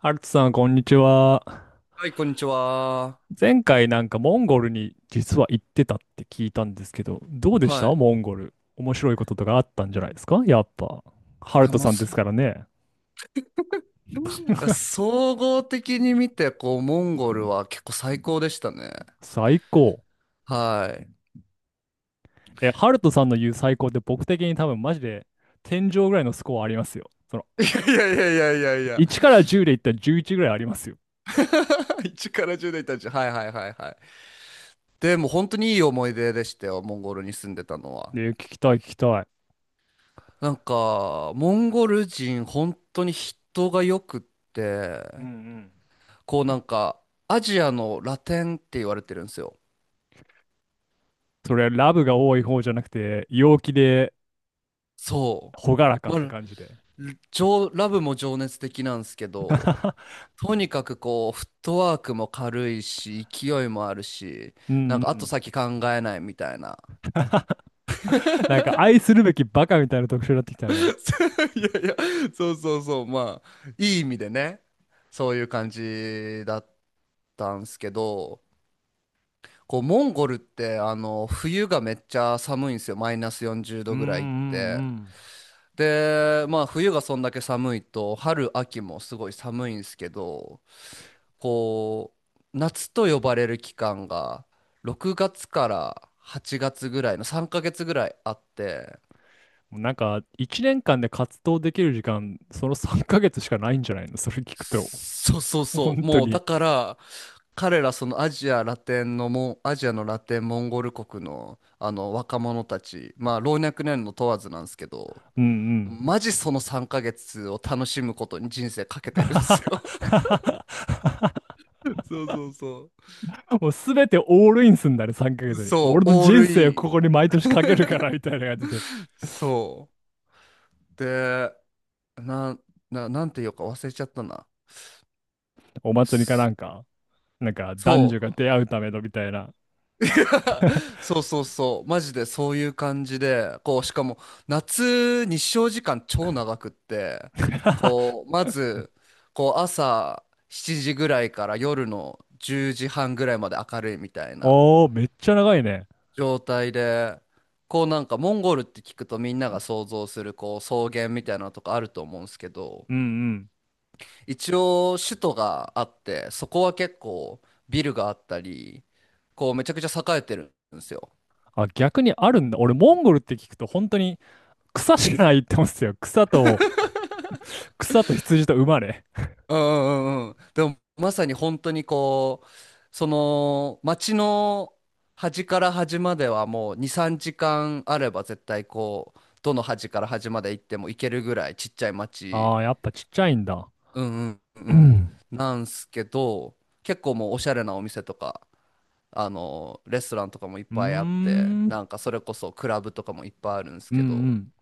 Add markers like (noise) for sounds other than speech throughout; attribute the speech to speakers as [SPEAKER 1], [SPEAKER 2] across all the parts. [SPEAKER 1] アルツさん、こんにちは。
[SPEAKER 2] はい、こんにちは。
[SPEAKER 1] 前回なんかモンゴルに実は行ってたって聞いたんですけど、どうでした
[SPEAKER 2] はい。
[SPEAKER 1] モンゴル。面白いこととかあったんじゃないですかやっぱ。ハ
[SPEAKER 2] い
[SPEAKER 1] ル
[SPEAKER 2] や、
[SPEAKER 1] ト
[SPEAKER 2] もう
[SPEAKER 1] さんで
[SPEAKER 2] す、
[SPEAKER 1] す
[SPEAKER 2] い
[SPEAKER 1] からね。
[SPEAKER 2] や
[SPEAKER 1] (laughs)
[SPEAKER 2] 総合的に見て、こう、モンゴルは結構最高でしたね。
[SPEAKER 1] 最高。
[SPEAKER 2] は
[SPEAKER 1] え、ハルトさんの言う最高って僕的に多分マジで天井ぐらいのスコアありますよ。その、
[SPEAKER 2] い。いやいやいやいやいやいや。
[SPEAKER 1] 1から10で言ったら11ぐらいありますよ。
[SPEAKER 2] (laughs) 1から10代たち。はいはいはいはい。でも本当にいい思い出でしたよ、モンゴルに住んでたのは。
[SPEAKER 1] で、聞きたい聞きたい。
[SPEAKER 2] なんか、モンゴル人、本当に人がよくって、
[SPEAKER 1] うんうん。
[SPEAKER 2] こうなんか、アジアのラテンって言われてるんですよ。
[SPEAKER 1] それはラブが多い方じゃなくて、陽気で、
[SPEAKER 2] そ
[SPEAKER 1] ほがらか
[SPEAKER 2] う。
[SPEAKER 1] って
[SPEAKER 2] まあ、
[SPEAKER 1] 感じで。
[SPEAKER 2] 情ラブも情熱的なんですけど、
[SPEAKER 1] (laughs)
[SPEAKER 2] とにかくこう、フットワークも軽いし、勢いもあるし、
[SPEAKER 1] うんう
[SPEAKER 2] なんか後
[SPEAKER 1] ん。
[SPEAKER 2] 先考えないみたいな。
[SPEAKER 1] (laughs) なんか愛するべきバカみたいな特徴になってきたね。
[SPEAKER 2] (laughs) いやいや、そうそうそう、まあ、いい意味でね、そういう感じだったんすけど、こう、モンゴルって、あの、冬がめっちゃ寒いんですよ、マイナス40
[SPEAKER 1] うん
[SPEAKER 2] 度
[SPEAKER 1] うん
[SPEAKER 2] ぐらいって。
[SPEAKER 1] うん。
[SPEAKER 2] で、まあ、冬がそんだけ寒いと、春、秋もすごい寒いんですけど、こう、夏と呼ばれる期間が、6月から8月ぐらいの3ヶ月ぐらいあって、
[SPEAKER 1] もうなんか、1年間で活動できる時間、その3ヶ月しかないんじゃないのそれ聞くと。
[SPEAKER 2] そうそうそう、
[SPEAKER 1] 本当
[SPEAKER 2] もうだ
[SPEAKER 1] に。
[SPEAKER 2] から、彼らそのアジアのラテン、モンゴル国のあの若者たち、まあ老若男女問わずなんですけど、
[SPEAKER 1] うんうん。
[SPEAKER 2] マジその3ヶ月を楽しむことに人生かけてるんですよ。
[SPEAKER 1] (laughs)
[SPEAKER 2] (laughs) そうそうそ
[SPEAKER 1] もうすべてオールインすんだね、3ヶ月
[SPEAKER 2] う
[SPEAKER 1] に。
[SPEAKER 2] そう、
[SPEAKER 1] 俺の
[SPEAKER 2] オー
[SPEAKER 1] 人
[SPEAKER 2] ルイ
[SPEAKER 1] 生を
[SPEAKER 2] ン、
[SPEAKER 1] ここに毎年かけるから、みたいな感じで。(laughs)
[SPEAKER 2] そうで、な、なんていうか忘れちゃったな。
[SPEAKER 1] お祭りかな
[SPEAKER 2] す、
[SPEAKER 1] んか、なんか男
[SPEAKER 2] そ
[SPEAKER 1] 女が
[SPEAKER 2] う。
[SPEAKER 1] 出会うためのみたいな。
[SPEAKER 2] (laughs) そうそうそう。マジでそういう感じで、こう、しかも夏日照時間超長くって、
[SPEAKER 1] (laughs)
[SPEAKER 2] こう、まず、こう、朝7時ぐらいから夜の10時半ぐらいまで明るいみたいな
[SPEAKER 1] おー、めっちゃ長いね。
[SPEAKER 2] 状態で、こうなんかモンゴルって聞くとみんなが想像するこう草原みたいなのとかあると思うんですけど、
[SPEAKER 1] うんうん。
[SPEAKER 2] 一応首都があってそこは結構ビルがあったり、こうめちゃくちゃ栄えてるんですよ。
[SPEAKER 1] あ、逆にあるんだ。俺、モンゴルって聞くと本当に草しかないって思うんですよ。草と羊と馬ね。
[SPEAKER 2] うんうんうんうん。でもまさに本当にこう、その街の端から端まではもう2、3時間あれば絶対こうどの端から端まで行っても行けるぐらいちっちゃい街、
[SPEAKER 1] ああ、やっぱちっちゃいんだ。
[SPEAKER 2] うんうん
[SPEAKER 1] う
[SPEAKER 2] うん、
[SPEAKER 1] ん。
[SPEAKER 2] なんすけど結構もうおしゃれなお店とかあのレストランとかもいっ
[SPEAKER 1] うー
[SPEAKER 2] ぱいあって、
[SPEAKER 1] ん。
[SPEAKER 2] なんかそれこそクラブとかもいっぱいあるんです
[SPEAKER 1] うんう
[SPEAKER 2] けど、
[SPEAKER 1] ん。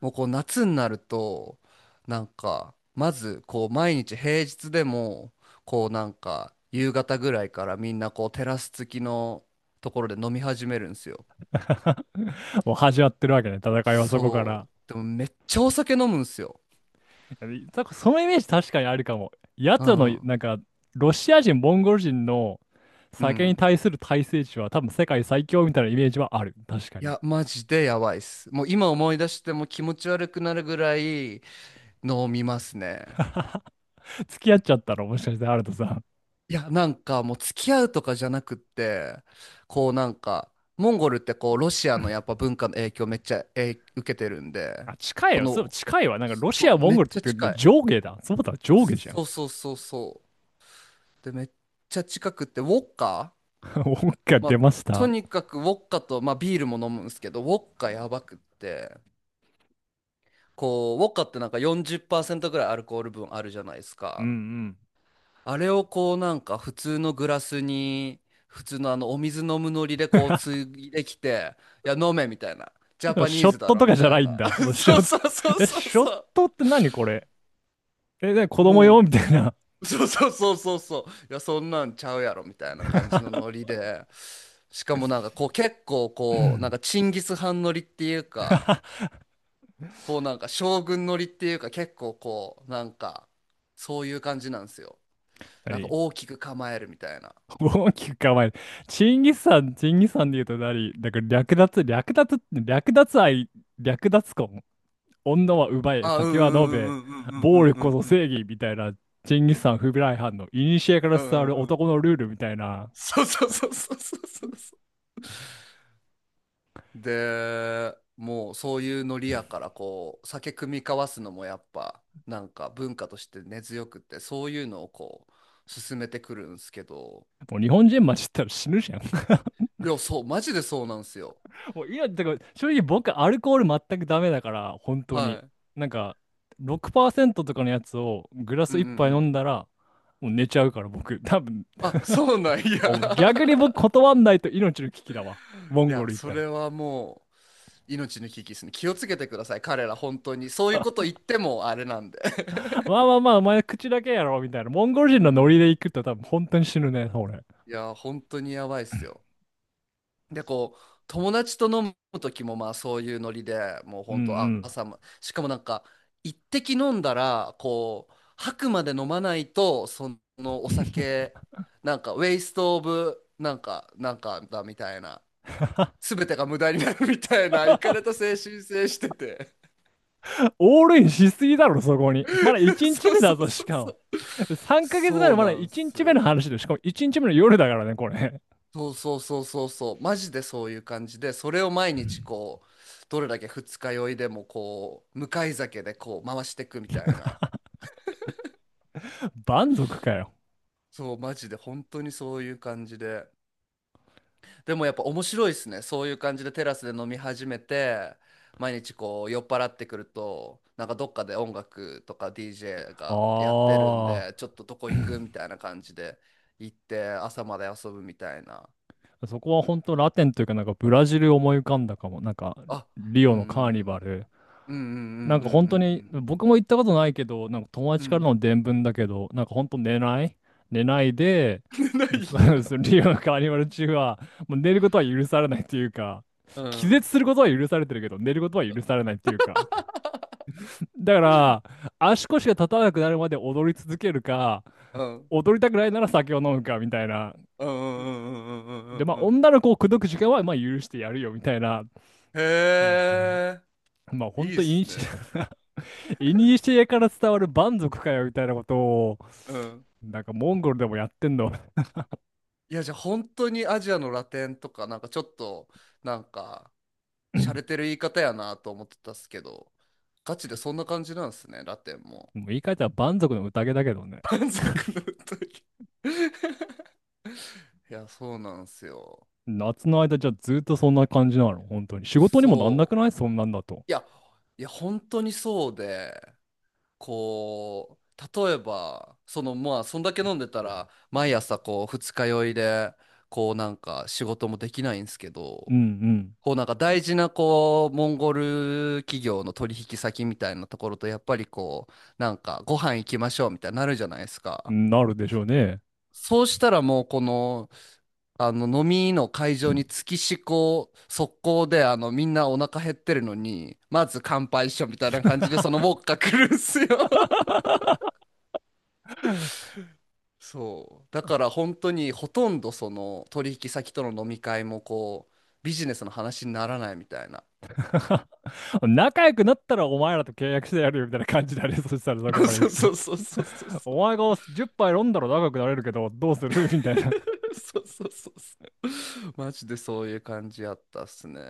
[SPEAKER 2] もうこう夏になると、なんかまずこう毎日平日でも、こうなんか夕方ぐらいからみんなこうテラス付きのところで飲み始めるんですよ。
[SPEAKER 1] (laughs) もう始まってるわけね、戦いはそこか
[SPEAKER 2] そ
[SPEAKER 1] ら。
[SPEAKER 2] うでもめっちゃお酒飲むんですよ。
[SPEAKER 1] いやそそのイメージ確かにあるかも。
[SPEAKER 2] う
[SPEAKER 1] 奴らの、
[SPEAKER 2] ん
[SPEAKER 1] なんか、ロシア人、モンゴル人の
[SPEAKER 2] う
[SPEAKER 1] 酒に
[SPEAKER 2] ん、
[SPEAKER 1] 対する耐性値は多分世界最強みたいなイメージはある。確か
[SPEAKER 2] い
[SPEAKER 1] に。
[SPEAKER 2] やマジでやばいっす。もう今思い出しても気持ち悪くなるぐらい飲みますね。
[SPEAKER 1] 付き合っちゃったらもしかしてあるとさん。
[SPEAKER 2] いや、なんかもう付き合うとかじゃなくって、こうなんか、モンゴルってこうロシアのやっぱ文化の影響めっちゃ、受けてるんで、
[SPEAKER 1] あ、近い
[SPEAKER 2] こ
[SPEAKER 1] よ。そう、
[SPEAKER 2] の、
[SPEAKER 1] 近いわ。なんかロシ
[SPEAKER 2] そ
[SPEAKER 1] ア、
[SPEAKER 2] う、
[SPEAKER 1] モ
[SPEAKER 2] め
[SPEAKER 1] ンゴ
[SPEAKER 2] っ
[SPEAKER 1] ルって
[SPEAKER 2] ちゃ
[SPEAKER 1] 言ってる
[SPEAKER 2] 近
[SPEAKER 1] けど
[SPEAKER 2] い。
[SPEAKER 1] 上下だ。そうだ、上下じゃん。
[SPEAKER 2] そうそうそうそう。で、めっちゃ近くって、ウォッカ、
[SPEAKER 1] (laughs) 音が
[SPEAKER 2] まあ、
[SPEAKER 1] 出まし
[SPEAKER 2] と
[SPEAKER 1] た。
[SPEAKER 2] にかくウォッカと、まあビールも飲むんですけど、ウォッカやばくって、こう、ウォッカってなんか40%ぐらいアルコール分あるじゃないです
[SPEAKER 1] うんう
[SPEAKER 2] か。
[SPEAKER 1] ん。
[SPEAKER 2] あれをこうなんか普通のグラスに普通のあのお水飲むノリでこうつ
[SPEAKER 1] (laughs)
[SPEAKER 2] いできて、「いや飲め」みたいな、「ジャ
[SPEAKER 1] でも
[SPEAKER 2] パニ
[SPEAKER 1] シ
[SPEAKER 2] ー
[SPEAKER 1] ョッ
[SPEAKER 2] ズだ
[SPEAKER 1] ト
[SPEAKER 2] ろ」
[SPEAKER 1] と
[SPEAKER 2] み
[SPEAKER 1] かじゃ
[SPEAKER 2] た
[SPEAKER 1] な
[SPEAKER 2] い
[SPEAKER 1] い
[SPEAKER 2] な。
[SPEAKER 1] んだ。もう
[SPEAKER 2] (laughs)
[SPEAKER 1] ショ
[SPEAKER 2] そう
[SPEAKER 1] ット、
[SPEAKER 2] そうそう
[SPEAKER 1] え、
[SPEAKER 2] そう
[SPEAKER 1] ショッ
[SPEAKER 2] そ
[SPEAKER 1] トって何これ、え、ね子
[SPEAKER 2] う、
[SPEAKER 1] 供用み
[SPEAKER 2] も
[SPEAKER 1] たいな。
[SPEAKER 2] う、そうそうそうそうそう、いやそんなんちゃうやろみたいな感じの
[SPEAKER 1] (laughs)
[SPEAKER 2] ノリで、しかもなんかこう結構
[SPEAKER 1] う
[SPEAKER 2] こうなん
[SPEAKER 1] ん、
[SPEAKER 2] かチンギス・ハンノリっていうか、こうなんか将軍ノリっていうか、結構こうなんかそういう感じなんですよ、なんか
[SPEAKER 1] 何。
[SPEAKER 2] 大きく構えるみたいな。
[SPEAKER 1] (laughs) 大きく構える。チンギスさん、チンギスさんで言うと何だから略奪、略奪、略奪愛、略奪婚。女は奪え、
[SPEAKER 2] あ、うんう
[SPEAKER 1] 酒は飲め、
[SPEAKER 2] んうん
[SPEAKER 1] 暴力
[SPEAKER 2] う
[SPEAKER 1] こ
[SPEAKER 2] ん
[SPEAKER 1] そ
[SPEAKER 2] うん
[SPEAKER 1] 正義みたいな、チンギスさん不備来犯の、古から
[SPEAKER 2] うんう
[SPEAKER 1] 伝わ
[SPEAKER 2] ん
[SPEAKER 1] る
[SPEAKER 2] うんうんうんうん。
[SPEAKER 1] 男のルールみたいな。
[SPEAKER 2] そうそうそうそうそうそうそう。で、もうそういうノリやからこう酒酌み交わすのもやっぱなんか文化として根強くって、そういうのをこう進めてくるんですけど、
[SPEAKER 1] もう日本人混じったら死ぬじゃん。(laughs)
[SPEAKER 2] いや、そう、マジでそうなんですよ。
[SPEAKER 1] もう今、だから正直僕アルコール全くダメだから、本当
[SPEAKER 2] は
[SPEAKER 1] に。
[SPEAKER 2] い。
[SPEAKER 1] なんか、6%とかのやつをグラ
[SPEAKER 2] う
[SPEAKER 1] ス
[SPEAKER 2] んうん
[SPEAKER 1] 一
[SPEAKER 2] う
[SPEAKER 1] 杯飲
[SPEAKER 2] ん。
[SPEAKER 1] んだら、もう寝ちゃうから僕、多分、
[SPEAKER 2] あ、そうなんや。(laughs) い
[SPEAKER 1] お、逆に僕断んないと命の危機だわ。モンゴ
[SPEAKER 2] や、
[SPEAKER 1] ル行っ
[SPEAKER 2] そ
[SPEAKER 1] たら。
[SPEAKER 2] れはもう命の危機ですね。気をつけてください。彼ら本当にそういうこと言ってもあれなんで。(laughs)
[SPEAKER 1] まあまあまあ、お前口だけやろ、みたいな。モンゴル
[SPEAKER 2] う
[SPEAKER 1] 人のノリで
[SPEAKER 2] ん。
[SPEAKER 1] 行くと多分本当に死ぬね、俺。
[SPEAKER 2] いや、本当にやばいっすよ。で、こう、友達と飲む時も、まあ、そういうノリで、もう
[SPEAKER 1] うんう
[SPEAKER 2] 本当、あ
[SPEAKER 1] ん。
[SPEAKER 2] 朝ま、しかもなんか、一滴飲んだら、こう、吐くまで飲まないと、そのお酒、なんか、ウェイストオブ、なんか、なんかだみたいな、すべてが無駄になるみたいな、いかれた
[SPEAKER 1] (laughs)
[SPEAKER 2] 精神性してて。
[SPEAKER 1] オールインしすぎだろ、そこに。まだ
[SPEAKER 2] (laughs)
[SPEAKER 1] 1日
[SPEAKER 2] そう
[SPEAKER 1] 目
[SPEAKER 2] そうそ
[SPEAKER 1] だ
[SPEAKER 2] う
[SPEAKER 1] ぞ、しか
[SPEAKER 2] そ
[SPEAKER 1] も。
[SPEAKER 2] う。
[SPEAKER 1] 3ヶ月目
[SPEAKER 2] そ
[SPEAKER 1] の
[SPEAKER 2] う
[SPEAKER 1] まだ
[SPEAKER 2] なん
[SPEAKER 1] 1
[SPEAKER 2] す
[SPEAKER 1] 日目の
[SPEAKER 2] よ。
[SPEAKER 1] 話で、しかも1日目の夜だからね、これ。
[SPEAKER 2] そうそうそうそうそう、マジでそういう感じで、それを毎日
[SPEAKER 1] (laughs)
[SPEAKER 2] こう、どれだけ二日酔いでもこう、向かい酒でこう回していくみたいな。
[SPEAKER 1] 蛮族かよ。
[SPEAKER 2] そう、マジで本当にそういう感じで。でもやっぱ面白いですね。そういう感じでテラスで飲み始めて、毎日こう酔っ払ってくると、なんかどっかで音楽とか DJ がやってるん
[SPEAKER 1] あ
[SPEAKER 2] で、ちょっとどこ行くみたいな感じで行って朝まで遊ぶみたいな。
[SPEAKER 1] あ、そこは本当ラテンというか、なんかブラジル思い浮かんだかも。なんか、
[SPEAKER 2] あ、
[SPEAKER 1] リ
[SPEAKER 2] う
[SPEAKER 1] オ
[SPEAKER 2] んう
[SPEAKER 1] のカーニバ
[SPEAKER 2] ん
[SPEAKER 1] ル。
[SPEAKER 2] うんうんうんうん
[SPEAKER 1] なんか
[SPEAKER 2] うん
[SPEAKER 1] 本
[SPEAKER 2] うんうん
[SPEAKER 1] 当に、
[SPEAKER 2] うん。
[SPEAKER 1] 僕も行ったことないけど、なんか友
[SPEAKER 2] う
[SPEAKER 1] 達から
[SPEAKER 2] ん。
[SPEAKER 1] の伝聞だけど、なんか本当寝ない、寝ないで、
[SPEAKER 2] (laughs) ない
[SPEAKER 1] そうそ
[SPEAKER 2] や。
[SPEAKER 1] うリオのカーニバル中は、もう寝ることは許されないっていうか、
[SPEAKER 2] う
[SPEAKER 1] 気
[SPEAKER 2] ん。
[SPEAKER 1] 絶することは許されてるけど、寝ることは許されないっていうか。だから、足腰が立たなくなるまで踊り続けるか、
[SPEAKER 2] うん。
[SPEAKER 1] 踊りたくないなら酒を飲むか、みたいな。
[SPEAKER 2] うんうんうんうんうんう
[SPEAKER 1] で、
[SPEAKER 2] ん
[SPEAKER 1] まあ、
[SPEAKER 2] うんうん、
[SPEAKER 1] 女の子を口説く時間は、まあ、許してやるよ、みたいな。
[SPEAKER 2] へ
[SPEAKER 1] うん、
[SPEAKER 2] え、
[SPEAKER 1] まあ、
[SPEAKER 2] い
[SPEAKER 1] 本当
[SPEAKER 2] いっ
[SPEAKER 1] といに
[SPEAKER 2] すね。
[SPEAKER 1] しえ、(laughs) いにしえから伝わる蛮族かよ、みたいなことを、
[SPEAKER 2] うん。
[SPEAKER 1] なんかモンゴルでもやってんの。(laughs) もう
[SPEAKER 2] いや、じゃあ本当にアジアのラテンとか、なんかちょっと、なんか、洒落てる言い方やなと思ってたっすけど、ガチでそんな感じなんですね、ラテンも。
[SPEAKER 1] 言い換えたら蛮族の宴だけどね。
[SPEAKER 2] 満足の歌い。 (laughs) いや、そうなんすよ。
[SPEAKER 1] 夏の間じゃあずっとそんな感じなの、本当に。仕事にもなんなく
[SPEAKER 2] そう。
[SPEAKER 1] ないそんなんだと。
[SPEAKER 2] いや、いや、本当にそうで、こう例えばそのまあそんだけ飲んでたら毎朝こう二日酔いで、こうなんか仕事もできないんですけ
[SPEAKER 1] う
[SPEAKER 2] ど、
[SPEAKER 1] ん
[SPEAKER 2] こうなんか大事なこうモンゴル企業の取引先みたいなところとやっぱりこう、なんかご飯行きましょうみたいになるじゃないです
[SPEAKER 1] う
[SPEAKER 2] か。
[SPEAKER 1] ん。なるでしょうね。
[SPEAKER 2] そうしたらもうこの、あの飲みの会場に月しこ速攻で、あのみんなお腹減ってるのにまず乾杯しようみたいな感じでそのウォッカ来るんすよ。
[SPEAKER 1] (laughs)
[SPEAKER 2] そうだから本当にほとんどその取引先との飲み会もこうビジネスの話にならないみたいな。
[SPEAKER 1] 仲良くなったらお前らと契約してやるよみたいな感じだね。そしたらそこ
[SPEAKER 2] (laughs)
[SPEAKER 1] まで行
[SPEAKER 2] そう
[SPEAKER 1] く
[SPEAKER 2] そ
[SPEAKER 1] と。
[SPEAKER 2] うそうそうそうそう。
[SPEAKER 1] お前が10杯飲んだら仲良くなれるけど、どうする、 (laughs) みたいな。
[SPEAKER 2] (laughs) そうそうそうそう、マジでそういう感じやったっすね。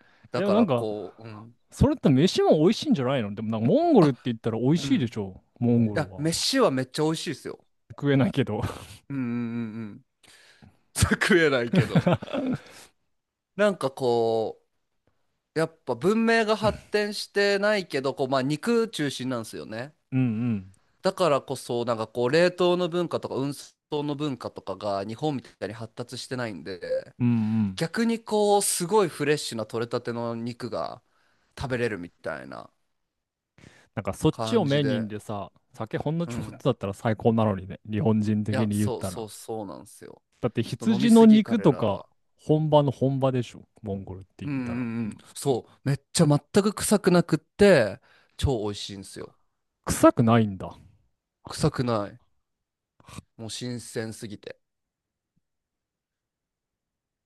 [SPEAKER 1] (laughs)
[SPEAKER 2] だ
[SPEAKER 1] でも
[SPEAKER 2] か
[SPEAKER 1] なん
[SPEAKER 2] ら
[SPEAKER 1] か、
[SPEAKER 2] こう、うん、
[SPEAKER 1] それって飯も美味しいんじゃないの、でもなんかモンゴル
[SPEAKER 2] あ、
[SPEAKER 1] って言ったら美味
[SPEAKER 2] う
[SPEAKER 1] しいで
[SPEAKER 2] ん、
[SPEAKER 1] しょ。モンゴ
[SPEAKER 2] い
[SPEAKER 1] ル
[SPEAKER 2] や
[SPEAKER 1] は。
[SPEAKER 2] 飯はめっちゃ美味しいですよ。
[SPEAKER 1] 食えないけど。(laughs)
[SPEAKER 2] うんうんうんうん。 (laughs) 食えないけど、なんかこうやっぱ文明が発展してないけど、こうまあ肉中心なんですよね。
[SPEAKER 1] うんうん。
[SPEAKER 2] だからこそ、なんかこう、冷凍の文化とか運送の文化とかが日本みたいに発達してないんで、
[SPEAKER 1] うんうん。
[SPEAKER 2] 逆にこう、すごいフレッシュな取れたての肉が食べれるみたいな
[SPEAKER 1] なんかそっちを
[SPEAKER 2] 感
[SPEAKER 1] メ
[SPEAKER 2] じ
[SPEAKER 1] イン
[SPEAKER 2] で、
[SPEAKER 1] でさ、酒ほんの
[SPEAKER 2] う
[SPEAKER 1] ちょこっと
[SPEAKER 2] ん。
[SPEAKER 1] だったら最高なのにね、日本人
[SPEAKER 2] い
[SPEAKER 1] 的
[SPEAKER 2] や、
[SPEAKER 1] に言っ
[SPEAKER 2] そう
[SPEAKER 1] たら。
[SPEAKER 2] そうそうなんですよ。
[SPEAKER 1] だって
[SPEAKER 2] ちょっと飲み
[SPEAKER 1] 羊の
[SPEAKER 2] すぎ、
[SPEAKER 1] 肉
[SPEAKER 2] 彼
[SPEAKER 1] と
[SPEAKER 2] ら
[SPEAKER 1] か
[SPEAKER 2] は。
[SPEAKER 1] 本場の本場でしょ、モンゴルって言
[SPEAKER 2] う
[SPEAKER 1] っ
[SPEAKER 2] んう
[SPEAKER 1] たら。
[SPEAKER 2] んうん。そう。めっちゃ全く臭くなくって、超美味しいんですよ。
[SPEAKER 1] 臭くないんだ。
[SPEAKER 2] 臭くない。もう新鮮すぎて。